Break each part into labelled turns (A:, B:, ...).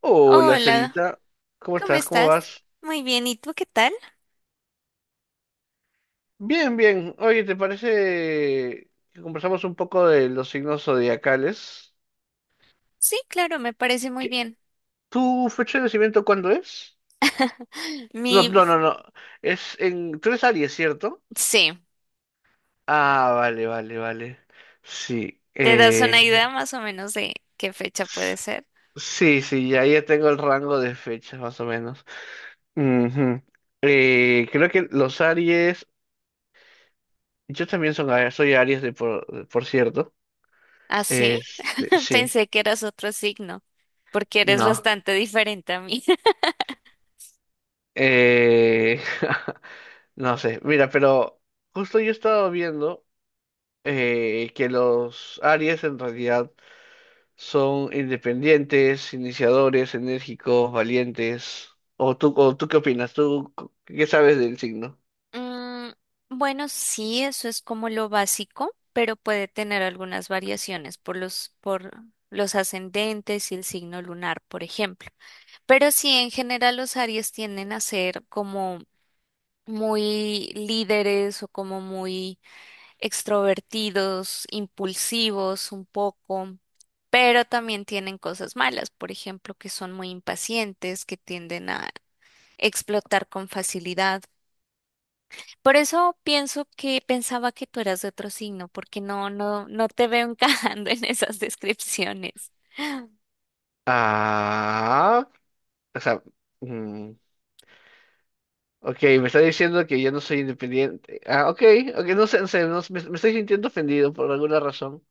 A: Hola,
B: Hola,
A: Sarita. ¿Cómo
B: ¿cómo
A: estás? ¿Cómo
B: estás?
A: vas?
B: Muy bien, ¿y tú qué tal?
A: Bien, bien. Oye, ¿te parece que conversamos un poco de los signos zodiacales?
B: Sí, claro, me parece muy
A: ¿Qué-
B: bien.
A: ¿Tu fecha de nacimiento cuándo es? No,
B: Mi,
A: no, no, no. Es en... Tú eres Aries, ¿cierto?
B: sí,
A: Ah, vale, vale, vale. Sí.
B: ¿te das una idea más o menos de qué fecha puede
A: S-
B: ser?
A: Sí, sí, ya tengo el rango de fechas, más o menos. Ujú. Creo que los Aries... Yo también son, soy Aries, por cierto.
B: ¿Ah, sí?
A: Este, sí.
B: Pensé que eras otro signo, porque eres
A: No,
B: bastante diferente a mí.
A: eh, no sé, mira, pero justo yo estaba viendo que los Aries en realidad son independientes, iniciadores, enérgicos, valientes. ¿O tú qué opinas? ¿Qué sabes del signo?
B: Mm, bueno, sí, eso es como lo básico, pero puede tener algunas variaciones por los ascendentes y el signo lunar, por ejemplo. Pero sí, en general los Aries tienden a ser como muy líderes o como muy extrovertidos, impulsivos un poco, pero también tienen cosas malas, por ejemplo, que son muy impacientes, que tienden a explotar con facilidad. Por eso pienso que pensaba que tú eras de otro signo, porque no te veo encajando en esas descripciones.
A: Ah, o sea, mm, ok, me está diciendo que yo no soy independiente. Ah, ok, ok, no sé, no sé, no sé, me estoy sintiendo ofendido por alguna razón.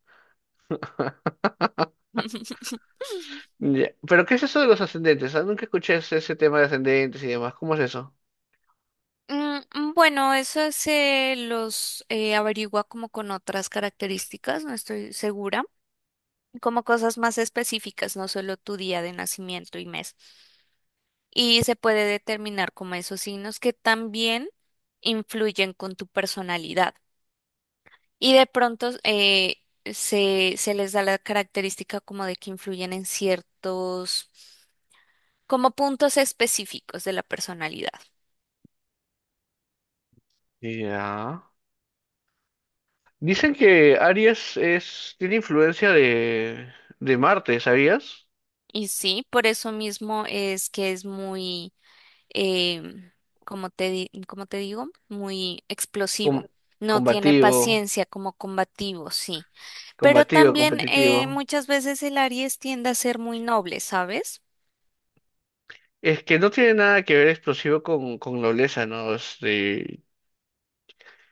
A: Ya, ¿pero qué es eso de los ascendentes? Ah, nunca escuché ese tema de ascendentes y demás. ¿Cómo es eso?
B: Bueno, eso se los averigua como con otras características, no estoy segura. Como cosas más específicas, no solo tu día de nacimiento y mes. Y se puede determinar como esos signos que también influyen con tu personalidad. Y de pronto se les da la característica como de que influyen en ciertos, como puntos específicos de la personalidad.
A: Ya. Dicen que Aries es, tiene influencia de Marte, ¿sabías?
B: Y sí, por eso mismo es que es muy eh, como como te digo, muy
A: Com-
B: explosivo. No tiene
A: Combativo,
B: paciencia como combativo, sí. Pero
A: combativo,
B: también
A: competitivo.
B: muchas veces el Aries tiende a ser muy noble, ¿sabes?
A: Es que no tiene nada que ver explosivo con nobleza, ¿no? Este,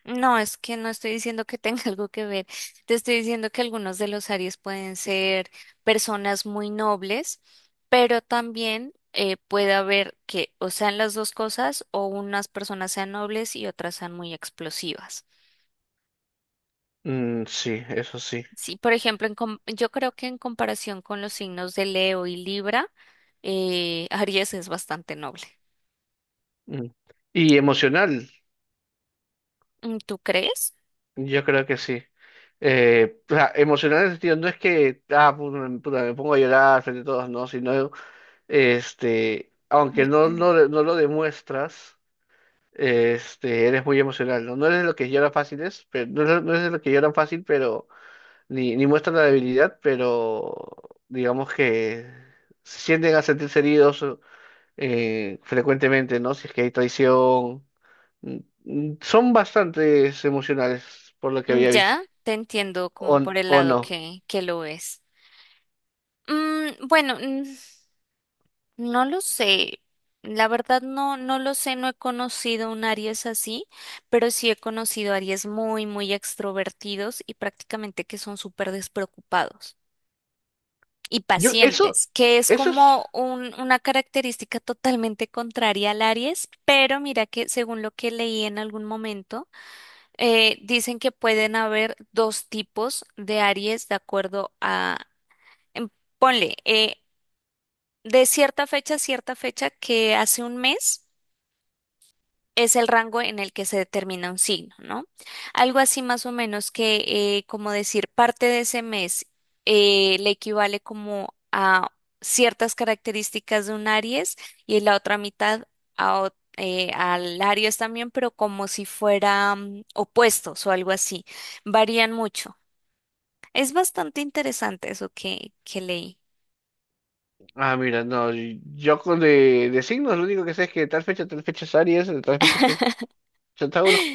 B: No, es que no estoy diciendo que tenga algo que ver. Te estoy diciendo que algunos de los Aries pueden ser personas muy nobles, pero también puede haber que o sean las dos cosas o unas personas sean nobles y otras sean muy explosivas.
A: mm, sí, eso sí.
B: Sí, por ejemplo, yo creo que en comparación con los signos de Leo y Libra, Aries es bastante noble.
A: Mm. Y emocional,
B: Mm, ¿tú crees?
A: yo creo que sí. O sea, emocional en el sentido, no es que, ah, puta, me pongo a llorar frente a todos, no, sino este, aunque
B: Mm,
A: no, no, no lo demuestras, este, eres muy emocional, ¿no? No eres de lo que llora fácil, es, pero, no, eres no eres de lo que lloran fácil, pero ni muestran la debilidad, pero digamos que sienten a sentirse heridos frecuentemente, ¿no? Si es que hay traición. Mm, mm, son bastantes emocionales, por lo que
B: mm.
A: había visto.
B: Ya te entiendo como
A: O,
B: por el
A: o
B: lado
A: no.
B: que lo es. Bueno, no lo sé. La verdad no, no lo sé, no he conocido un Aries así, pero sí he conocido Aries muy, muy extrovertidos y prácticamente que son súper despreocupados y
A: Yo, eso,
B: pacientes, que es
A: eso es.
B: como una característica totalmente contraria al Aries, pero mira que según lo que leí en algún momento, dicen que pueden haber dos tipos de Aries de acuerdo a, em, ponle, de cierta fecha a cierta fecha que hace un mes es el rango en el que se determina un signo, ¿no? Algo así más o menos que, como decir, parte de ese mes le equivale como a ciertas características de un Aries y la otra mitad a, al Aries también, pero como si fueran opuestos o algo así. Varían mucho. Es bastante interesante eso que leí.
A: Ah, mira, no, yo con de signos lo único que sé es que de tal fecha es Aries, de tal fecha Tauro.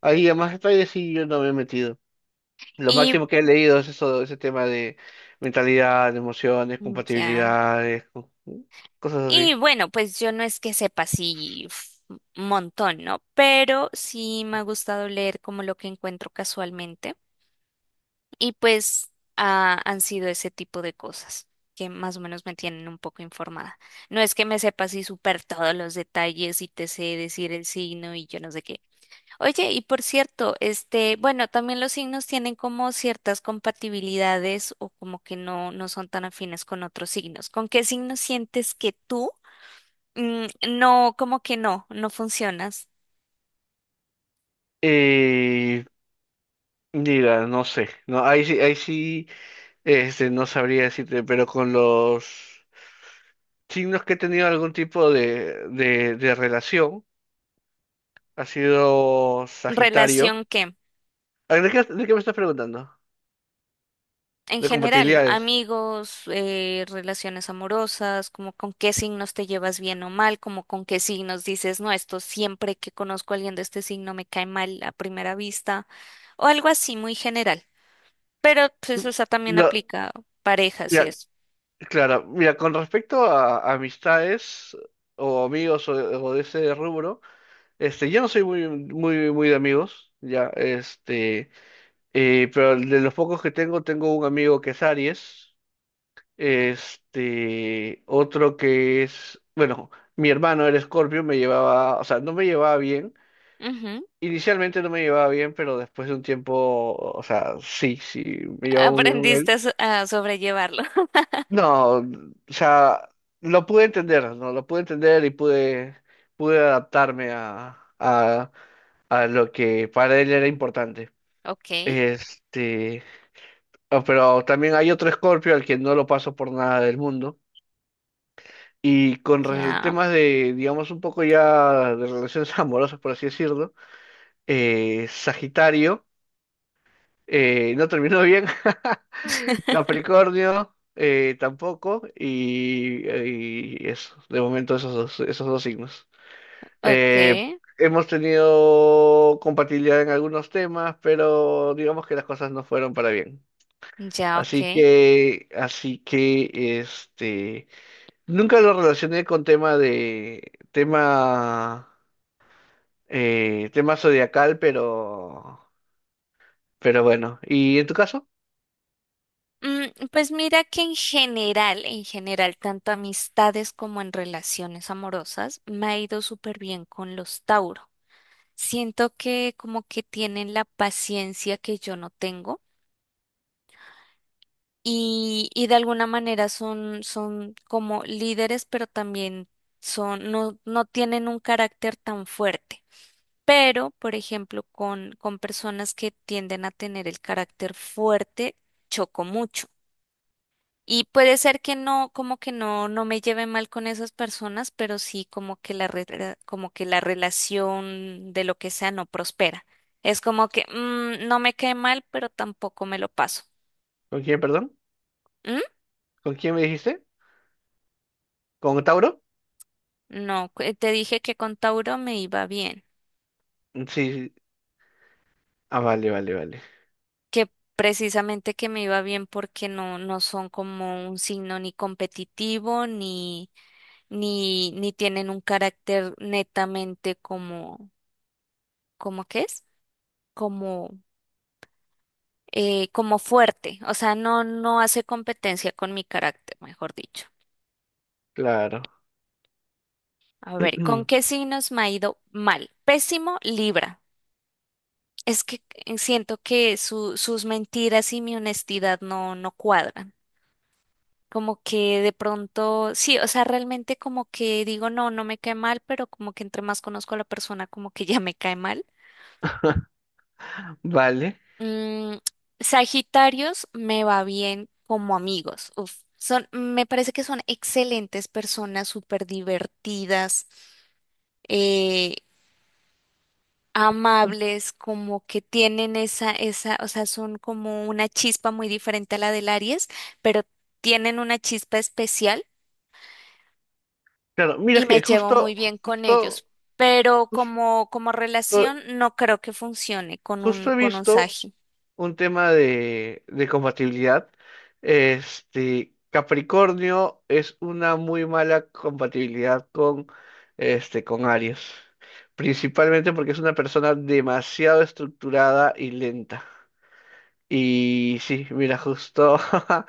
A: Ahí a más detalles sí yo no me he metido. Lo
B: Y
A: máximo que he leído es eso, ese tema de mentalidad, emociones,
B: mm, ya.
A: compatibilidades, cosas
B: Y
A: así.
B: bueno, pues yo no es que sepa así uf, un montón, ¿no? Pero sí me ha gustado leer como lo que encuentro casualmente. Y pues ah, han sido ese tipo de cosas que más o menos me tienen un poco informada. No es que me sepa así súper todos los detalles y te sé decir el signo y yo no sé qué. Oye, y por cierto, este, bueno, también los signos tienen como ciertas compatibilidades o como que no, no son tan afines con otros signos. ¿Con qué signo sientes que tú? Mm, no, como que no, no funcionas.
A: Eh, Mira, no sé, no, ahí sí, este, no sabría decirte, pero con los signos que he tenido algún tipo de relación, ha sido Sagitario.
B: ¿Relación qué?
A: ¿A de qué me estás preguntando?
B: En
A: De
B: general,
A: compatibilidades.
B: amigos, relaciones amorosas, como con qué signos te llevas bien o mal, como con qué signos dices, no, esto siempre que conozco a alguien de este signo me cae mal a primera vista, o algo así muy general. Pero pues, o sea, también
A: Lo-
B: aplica parejas y
A: Mira,
B: eso.
A: claro, mira, con respecto a amistades o amigos o de ese rubro, este, yo no soy muy, muy, muy de amigos, ya, este, pero de los pocos que tengo, tengo un amigo que es Aries, este, otro que es, bueno, mi hermano era Escorpio, me llevaba, o sea, no me llevaba bien.
B: Ujú.
A: Inicialmente no me llevaba bien, pero después de un tiempo, o sea, sí, sí, me llevaba muy bien con él.
B: Aprendiste a, a sobrellevarlo.
A: No, o sea, lo pude entender, ¿no? Lo pude entender y pude, pude adaptarme a lo que para él era importante.
B: Ok,
A: Este, ah, pero también hay otro Scorpio al que no lo paso por nada del mundo. Y con
B: ya,
A: temas de, digamos, un poco ya de relaciones amorosas, por así decirlo, Sagitario. No terminó bien. Capricornio, tampoco. Y eso, de momento esos dos signos. Eh,
B: ok,
A: hemos tenido compatibilidad en algunos temas, pero digamos que las cosas no fueron para bien.
B: ya, ok.
A: Así que, este, nunca lo relacioné con tema de, tema, tema zodiacal, pero bueno. ¿Y en tu caso?
B: Pues mira que en general, tanto amistades como en relaciones amorosas, me ha ido súper bien con los Tauro. Siento que como que tienen la paciencia que yo no tengo y de alguna manera son, son como líderes, pero también son, no, no tienen un carácter tan fuerte. Pero, por ejemplo, con personas que tienden a tener el carácter fuerte, choco mucho. Y puede ser que no, como que no, no me lleve mal con esas personas, pero sí como que como que la relación de lo que sea no prospera. Es como que mm, no me cae mal, pero tampoco me lo paso.
A: ¿Con quién, perdón?
B: ¿Mm?
A: ¿Con quién me dijiste? ¿Con Tauro?
B: No, te dije que con Tauro me iba bien,
A: Sí, sí. Ah, vale, vale, vale.
B: que precisamente que me iba bien porque no, no son como un signo ni competitivo, ni tienen un carácter netamente como, ¿cómo que es? Como fuerte, o sea, no, no hace competencia con mi carácter, mejor dicho.
A: Claro.
B: A ver, ¿con qué signos me ha ido mal? Pésimo, Libra. Es que siento que sus mentiras y mi honestidad no, no cuadran. Como que de pronto, sí, o sea, realmente como que digo, no, no me cae mal, pero como que entre más conozco a la persona, como que ya me cae mal.
A: Vale.
B: Mm, Sagitarios me va bien como amigos. Uf, son, me parece que son excelentes personas, súper divertidas, eh, amables, como que tienen esa, esa, o sea, son como una chispa muy diferente a la del Aries, pero tienen una chispa especial
A: Claro, mira
B: y me
A: que
B: llevo
A: justo,
B: muy bien con
A: justo,
B: ellos. Pero como, como
A: justo,
B: relación no creo que funcione con
A: justo he
B: con un
A: visto
B: Sagi.
A: un tema de compatibilidad. Este, Capricornio es una muy mala compatibilidad con, este, con Aries. Principalmente porque es una persona demasiado estructurada y lenta. Y sí, mira, justo,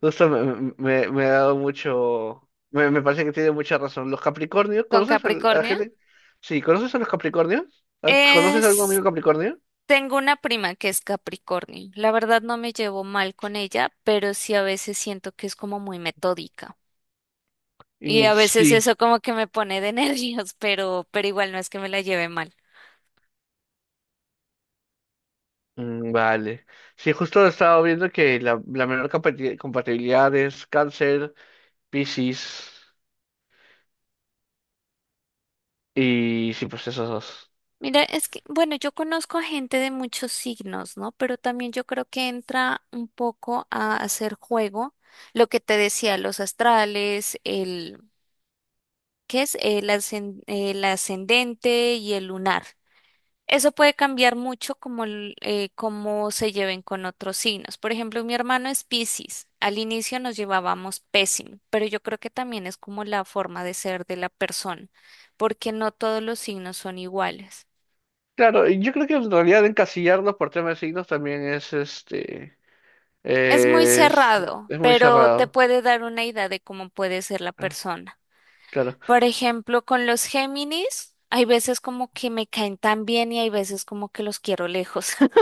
A: justo ha dado mucho, me parece que tiene mucha razón. Los Capricornios,
B: ¿Con
A: ¿conoces a, la
B: Capricornio?
A: gente? Sí, ¿conoces a los Capricornios? ¿Conoces a algún
B: Es
A: amigo Capricornio?
B: tengo una prima que es Capricornio. La verdad no me llevo mal con ella, pero sí a veces siento que es como muy metódica. Y
A: Mm,
B: a veces
A: sí.
B: eso como que me pone de nervios, pero igual no es que me la lleve mal.
A: Mm, vale. Sí, justo he estado viendo que la menor compatibilidad es Cáncer, Piscis y sí, pues esos dos.
B: Mira, es que, bueno, yo conozco a gente de muchos signos, ¿no? Pero también yo creo que entra un poco a hacer juego lo que te decía, los astrales, el, ¿qué es? El, el ascendente y el lunar. Eso puede cambiar mucho como cómo se lleven con otros signos. Por ejemplo, mi hermano es Piscis. Al inicio nos llevábamos pésimo, pero yo creo que también es como la forma de ser de la persona, porque no todos los signos son iguales.
A: Claro, y yo creo que en realidad encasillarlos por temas de signos también es este,
B: Es muy cerrado,
A: es muy
B: pero te
A: cerrado.
B: puede dar una idea de cómo puede ser la
A: Ah,
B: persona.
A: claro,
B: Por ejemplo, con los Géminis, hay veces como que me caen tan bien y hay veces como que los quiero lejos.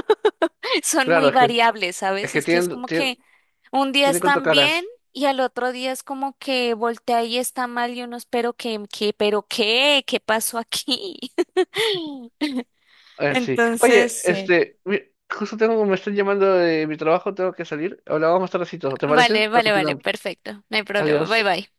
B: Son
A: claro,
B: muy variables,
A: es
B: ¿sabes?
A: que
B: Es que es
A: tienen,
B: como
A: tienen,
B: que un día
A: tienen cuatro
B: están bien
A: caras.
B: y al otro día es como que voltea y está mal y uno espero que, pero qué, ¿qué pasó aquí?
A: Sí.
B: Entonces,
A: Oye,
B: sí.
A: este, justo tengo, me están llamando de mi trabajo, tengo que salir. Hablamos más tardecito, ¿te parece?
B: Vale,
A: Para
B: vale, vale,
A: continuar.
B: perfecto, no hay problema, bye
A: Adiós.
B: bye.